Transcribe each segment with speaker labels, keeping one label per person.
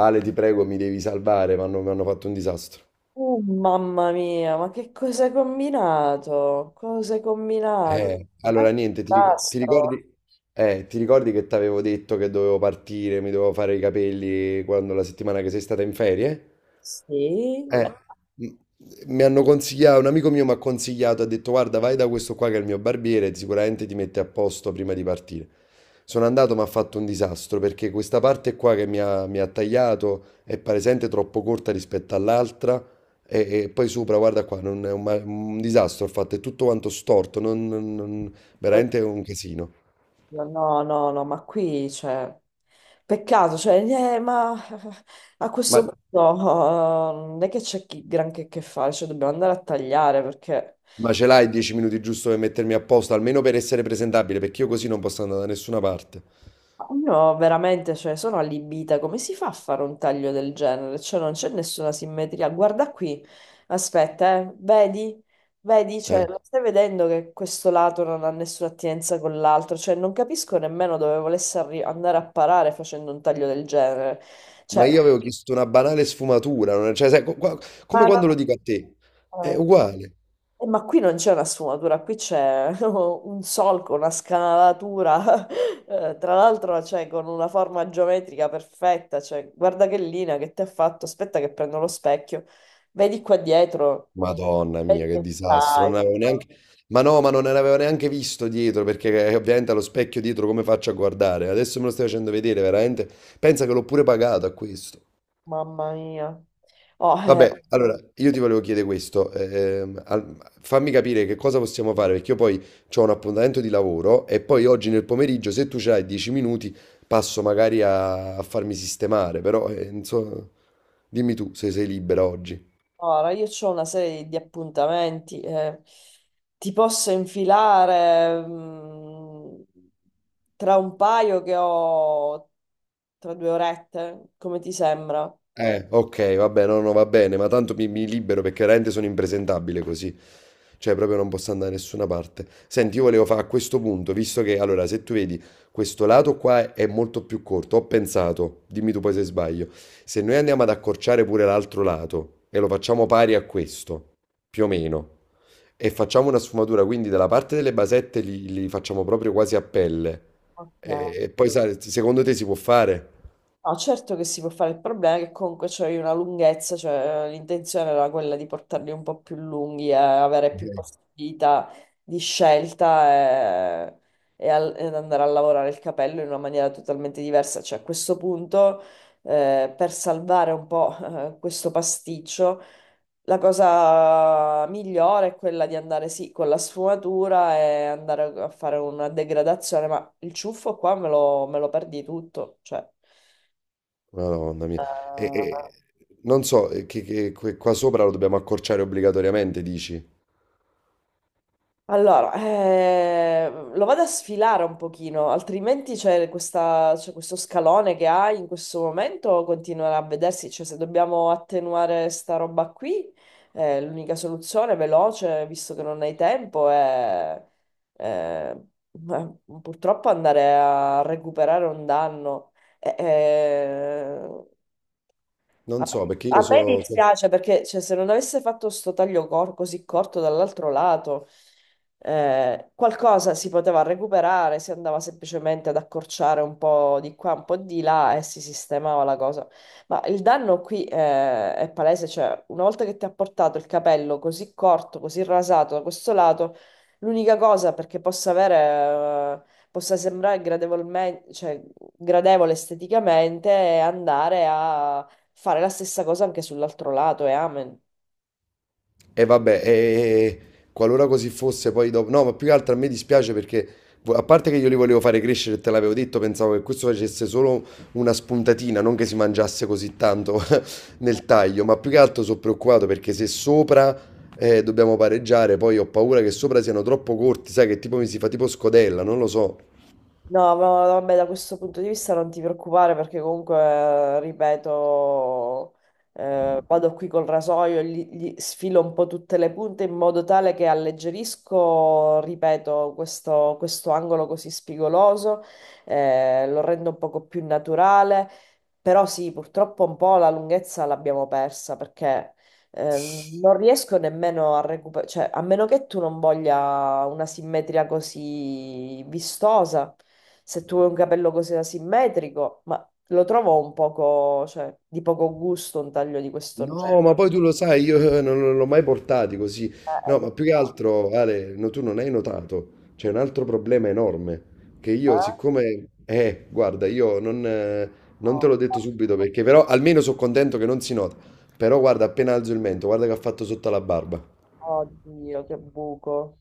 Speaker 1: Ale, ti prego, mi devi salvare, mi hanno fatto un disastro.
Speaker 2: Oh, mamma mia, ma che cosa hai combinato? Cosa hai combinato?
Speaker 1: Eh,
Speaker 2: È un
Speaker 1: allora, niente, ti, ric- ti
Speaker 2: disastro.
Speaker 1: ricordi, ti ricordi che ti avevo detto che dovevo partire, mi dovevo fare i capelli quando la settimana che sei stata in ferie?
Speaker 2: Sì, è
Speaker 1: Eh, m- Mi hanno consigliato, un amico mio mi ha consigliato, ha detto guarda vai da questo qua che è il mio barbiere, sicuramente ti mette a posto prima di partire. Sono andato, ma ha fatto un disastro perché questa parte qua che mi ha tagliato è palesemente troppo corta rispetto all'altra e, poi sopra, guarda qua, non è un, ma- un disastro, ho fatto è tutto quanto storto,
Speaker 2: così.
Speaker 1: veramente è un casino.
Speaker 2: No, no, no, ma qui c'è. Peccato, cioè, ma a
Speaker 1: Ma,
Speaker 2: questo punto non è che c'è granché che fare, cioè dobbiamo andare a tagliare perché
Speaker 1: ma ce l'hai 10 minuti giusto per mettermi a posto, almeno per essere presentabile, perché io così non posso andare da nessuna parte.
Speaker 2: io veramente, cioè, sono allibita. Come si fa a fare un taglio del genere? Cioè, non c'è nessuna simmetria. Guarda qui, aspetta, Vedi? Vedi? Cioè,
Speaker 1: Eh.
Speaker 2: lo stai vedendo che questo lato non ha nessuna attinenza con l'altro? Cioè, non capisco nemmeno dove volesse andare a parare facendo un taglio del genere.
Speaker 1: Ma
Speaker 2: Cioè,
Speaker 1: io avevo chiesto una banale sfumatura, cioè, sai,
Speaker 2: ma
Speaker 1: come quando lo dico a te, è
Speaker 2: no-
Speaker 1: uguale.
Speaker 2: eh, ma qui non c'è una sfumatura, qui c'è un solco, una scanalatura, tra l'altro cioè, con una forma geometrica perfetta, cioè, guarda che linea che ti ha fatto, aspetta che prendo lo specchio, vedi qua dietro,
Speaker 1: Madonna mia,
Speaker 2: vedi
Speaker 1: che
Speaker 2: che
Speaker 1: disastro, non
Speaker 2: taglio,
Speaker 1: avevo neanche... Ma no, ma non ne avevo neanche visto dietro, perché ovviamente allo specchio dietro come faccio a guardare? Adesso me lo stai facendo vedere, veramente. Pensa che l'ho pure pagato a questo.
Speaker 2: mamma mia. Oh,
Speaker 1: Vabbè, allora io ti volevo chiedere questo, fammi capire che cosa possiamo fare, perché io poi ho un appuntamento di lavoro e poi oggi nel pomeriggio, se tu c'hai 10 minuti, passo magari a, farmi sistemare, però non so, dimmi tu se sei libera oggi.
Speaker 2: ora, io ho una serie di appuntamenti, ti posso infilare, tra un paio che ho tra due orette, come ti sembra?
Speaker 1: Ok, vabbè, no, no, va bene, ma tanto mi libero perché veramente sono impresentabile così. Cioè, proprio non posso andare da nessuna parte. Senti, io volevo fare a questo punto, visto che, allora, se tu vedi, questo lato qua è molto più corto, ho pensato, dimmi tu poi se sbaglio, se noi andiamo ad accorciare pure l'altro lato e lo facciamo pari a questo, più o meno, e facciamo una sfumatura, quindi dalla parte delle basette li facciamo proprio quasi a pelle,
Speaker 2: Ok.
Speaker 1: e, poi, sai, secondo te si può fare?
Speaker 2: No, certo che si può fare, il problema è che comunque c'è una lunghezza, cioè l'intenzione era quella di portarli un po' più lunghi e avere più possibilità di scelta e ed andare a lavorare il capello in una maniera totalmente diversa. Cioè a questo punto, per salvare un po', questo pasticcio, la cosa migliore è quella di andare sì con la sfumatura e andare a fare una degradazione, ma il ciuffo qua me lo perdi tutto, cioè.
Speaker 1: Madonna mia. E, e- non so, qua sopra lo dobbiamo accorciare obbligatoriamente, dici?
Speaker 2: Allora, lo vado a sfilare un pochino, altrimenti c'è questo scalone che hai in questo momento, continuerà a vedersi, cioè se dobbiamo attenuare sta roba qui, l'unica soluzione veloce, visto che non hai tempo, è, eh, eh, purtroppo andare a recuperare un danno. Eh, eh, A
Speaker 1: Non so, perché io
Speaker 2: me
Speaker 1: sono...
Speaker 2: dispiace perché cioè, se non avesse fatto sto taglio così corto dall'altro lato, qualcosa si poteva recuperare, si andava semplicemente ad accorciare un po' di qua, un po' di là e si sistemava la cosa. Ma il danno qui è palese, cioè una volta che ti ha portato il capello così corto, così rasato da questo lato, l'unica cosa perché possa avere... possa sembrare gradevolmente, cioè, gradevole esteticamente e andare a fare la stessa cosa anche sull'altro lato e amen.
Speaker 1: E vabbè, e, qualora così fosse, poi dopo... No, ma più che altro a me dispiace perché, a parte che io li volevo fare crescere, e te l'avevo detto, pensavo che questo facesse solo una spuntatina, non che si mangiasse così tanto nel taglio, ma più che altro sono preoccupato perché se sopra... dobbiamo pareggiare, poi ho paura che sopra siano troppo corti, sai che tipo mi si fa tipo scodella, non lo so.
Speaker 2: No, ma vabbè, da questo punto di vista non ti preoccupare perché comunque, ripeto, vado qui col rasoio, gli sfilo un po' tutte le punte in modo tale che alleggerisco, ripeto, questo angolo così spigoloso, lo rendo un poco più naturale, però sì, purtroppo un po' la lunghezza l'abbiamo persa perché Eh, non riesco nemmeno a recuperare, cioè, a meno che tu non voglia una simmetria così vistosa, se tu vuoi un capello così asimmetrico, ma lo trovo un poco, cioè, di poco gusto un taglio di questo
Speaker 1: No, ma
Speaker 2: genere.
Speaker 1: poi tu lo sai, io non l'ho mai portati così. No,
Speaker 2: Lo
Speaker 1: ma più che
Speaker 2: so,
Speaker 1: altro, Ale, no, tu non hai notato, c'è un altro problema enorme, che io
Speaker 2: eh?
Speaker 1: siccome... guarda, io non, non te
Speaker 2: Oh,
Speaker 1: l'ho detto subito perché però almeno sono contento che non si nota. Però guarda, appena alzo il mento, guarda che ha fatto sotto alla barba.
Speaker 2: oddio, che buco,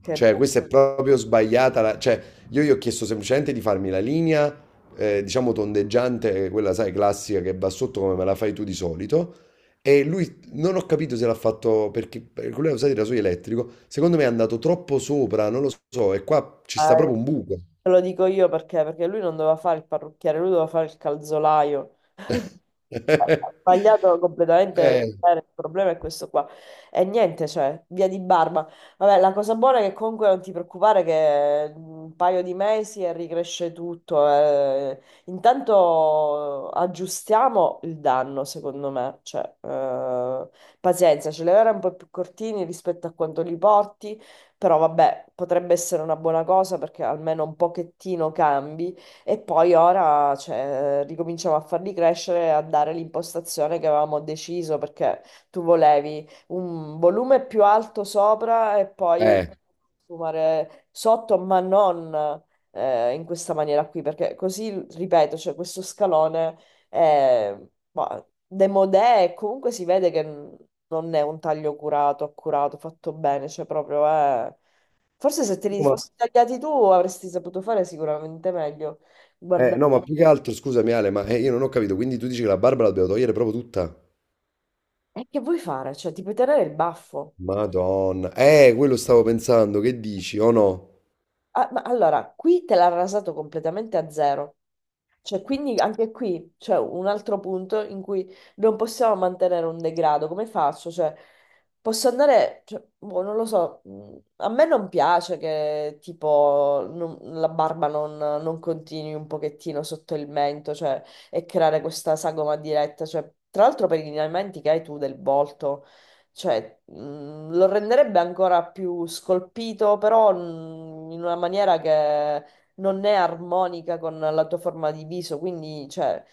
Speaker 2: che
Speaker 1: Cioè,
Speaker 2: buco.
Speaker 1: questa è proprio sbagliata. Cioè, io gli ho chiesto semplicemente di farmi la linea, diciamo tondeggiante, quella, sai, classica che va sotto come me la fai tu di solito. E lui non ho capito se l'ha fatto perché lui ha usato il rasoio elettrico. Secondo me è andato troppo sopra, non lo so. E qua ci sta
Speaker 2: Eh,
Speaker 1: proprio un buco.
Speaker 2: te lo dico io perché lui non doveva fare il parrucchiere, lui doveva fare il calzolaio. Ha sbagliato completamente.
Speaker 1: Eh,
Speaker 2: Il problema è questo qua. E niente, cioè, via di barba. Vabbè, la cosa buona è che comunque non ti preoccupare che un paio di mesi e ricresce tutto. Intanto aggiustiamo il danno, secondo me. Cioè, pazienza, ce li avrai un po' più cortini rispetto a quanto li porti, però vabbè, potrebbe essere una buona cosa perché almeno un pochettino cambi. E poi ora, cioè, ricominciamo a farli crescere e a dare l'impostazione che avevamo deciso, perché tu volevi un volume più alto sopra e poi
Speaker 1: eh.
Speaker 2: fumare sotto, ma non in questa maniera qui, perché così, ripeto, cioè, questo scalone è ma, demodè e comunque si vede che non è un taglio curato, accurato, fatto bene, cioè proprio è... Forse se te
Speaker 1: No,
Speaker 2: li
Speaker 1: ma-
Speaker 2: fossi tagliati tu avresti saputo fare sicuramente meglio.
Speaker 1: no,
Speaker 2: Guardate,
Speaker 1: ma più che altro, scusami Ale, io non ho capito. Quindi tu dici che la barba la dobbiamo togliere proprio tutta?
Speaker 2: e che vuoi fare? Cioè, ti puoi tenere il baffo.
Speaker 1: Madonna. Quello stavo pensando, che dici, o no?
Speaker 2: Ah, ma allora, qui te l'ha rasato completamente a zero. Cioè, quindi anche qui c'è un altro punto in cui non possiamo mantenere un degrado. Come faccio? Cioè, posso andare, cioè, boh, non lo so, a me non piace che tipo la barba non continui un pochettino sotto il mento, cioè, e creare questa sagoma diretta. Cioè, tra l'altro per i lineamenti che hai tu del volto. Cioè, lo renderebbe ancora più scolpito, però in una maniera che non è armonica con la tua forma di viso, quindi, cioè,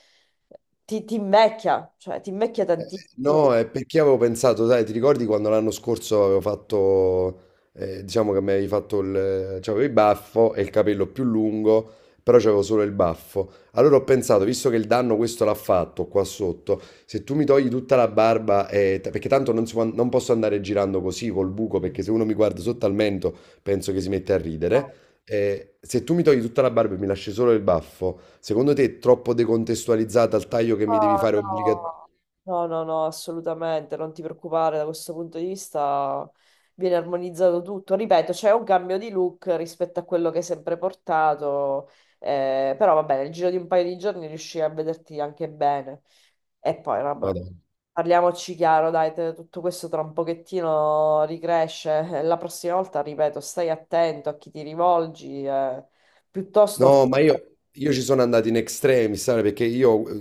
Speaker 2: ti invecchia, cioè, ti invecchia tantissimo.
Speaker 1: No, è perché avevo pensato, sai, ti ricordi quando l'anno scorso avevo fatto, diciamo che mi avevi fatto c'avevo il baffo e il capello più lungo, però c'avevo solo il baffo. Allora ho pensato, visto che il danno questo l'ha fatto qua sotto, se tu mi togli tutta la barba, perché tanto non, si può- non posso andare girando così col buco, perché se uno mi guarda sotto al mento penso che si mette a ridere. Se tu mi togli tutta la barba e mi lasci solo il baffo, secondo te è troppo decontestualizzata al taglio che mi devi
Speaker 2: Oh,
Speaker 1: fare obbligatoriamente?
Speaker 2: no. No, no, no, assolutamente, non ti preoccupare da questo punto di vista. Viene armonizzato tutto, ripeto, c'è un cambio di look rispetto a quello che hai sempre portato, però va bene, nel giro di un paio di giorni riuscirai a vederti anche bene. E poi, vabbè, parliamoci chiaro, dai, tutto questo tra un pochettino ricresce. La prossima volta, ripeto, stai attento a chi ti rivolgi, piuttosto fa...
Speaker 1: No, ma io ci sono andato in extremis, sai, perché io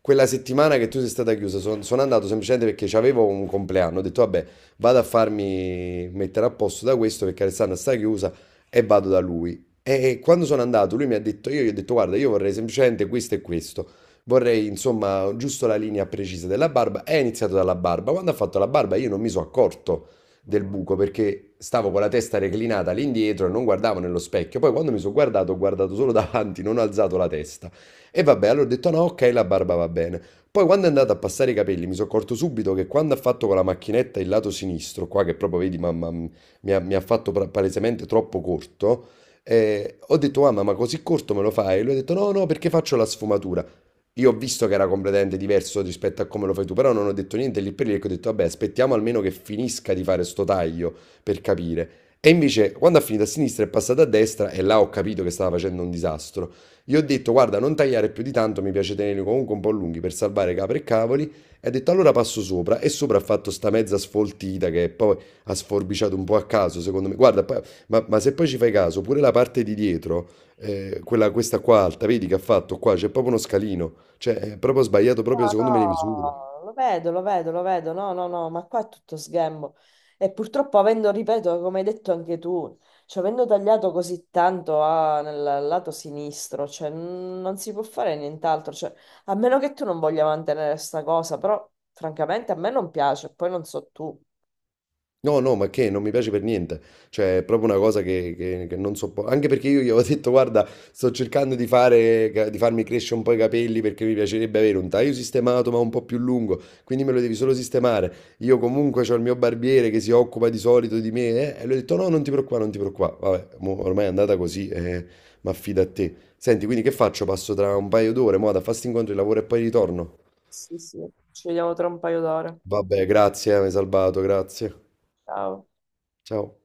Speaker 1: quella settimana che tu sei stata chiusa sono andato semplicemente perché avevo un compleanno, ho detto vabbè, vado a farmi mettere a posto da questo perché Alessandra sta chiusa e vado da lui. E quando sono andato lui mi ha detto, io gli ho detto guarda, io vorrei semplicemente questo e questo, vorrei insomma giusto la linea precisa della barba e ha iniziato dalla barba. Quando ha fatto la barba io non mi sono accorto del buco perché stavo con la testa reclinata all'indietro e non guardavo nello specchio. Poi quando mi sono guardato, ho guardato solo davanti, non ho alzato la testa. E vabbè, allora ho detto no, ok, la barba va bene. Poi quando è andato a passare i capelli mi sono accorto subito che quando ha fatto con la macchinetta il lato sinistro, qua che proprio vedi, mamma, mi ha fatto palesemente troppo corto, ho detto mamma ma così corto me lo fai? E lui ha detto no no perché faccio la sfumatura. Io ho visto che era completamente diverso rispetto a come lo fai tu, però non ho detto niente lì per lì, perché ho detto, vabbè, aspettiamo almeno che finisca di fare sto taglio per capire. E invece, quando ha finito a sinistra è passata a destra e là ho capito che stava facendo un disastro. Gli ho detto, guarda, non tagliare più di tanto, mi piace tenerli comunque un po' lunghi per salvare capre e cavoli. E ha detto, allora passo sopra. E sopra ha fatto sta mezza sfoltita che poi ha sforbiciato un po' a caso, secondo me. Guarda, ma, se poi ci fai caso, pure la parte di dietro quella, questa qua alta, vedi che ha fatto qua, c'è proprio uno scalino, cioè è proprio sbagliato proprio secondo me le
Speaker 2: No,
Speaker 1: misure.
Speaker 2: no, lo vedo, lo vedo, lo vedo, no, no, no, ma qua è tutto sghembo. E purtroppo avendo, ripeto, come hai detto anche tu, cioè avendo tagliato così tanto nel lato sinistro, cioè non si può fare nient'altro, cioè, a meno che tu non voglia mantenere sta cosa, però francamente a me non piace, poi non so tu.
Speaker 1: No, no, ma che non mi piace per niente. Cioè, è proprio una cosa che non sopporto. Anche perché io gli avevo detto, guarda, sto cercando di farmi crescere un po' i capelli perché mi piacerebbe avere un taglio sistemato ma un po' più lungo. Quindi me lo devi solo sistemare. Io comunque ho il mio barbiere che si occupa di solito di me. Eh, e lui ha detto, no, non ti preoccupare, non ti preoccupare. Vabbè, mo ormai è andata così, ma affida a te. Senti, quindi che faccio? Passo tra un paio d'ore, mo, da fare sti incontri, di lavoro e poi ritorno.
Speaker 2: Sì, sì, ci vediamo tra un paio d'ore.
Speaker 1: Vabbè, grazie, mi hai salvato, grazie.
Speaker 2: Ciao.
Speaker 1: Ciao.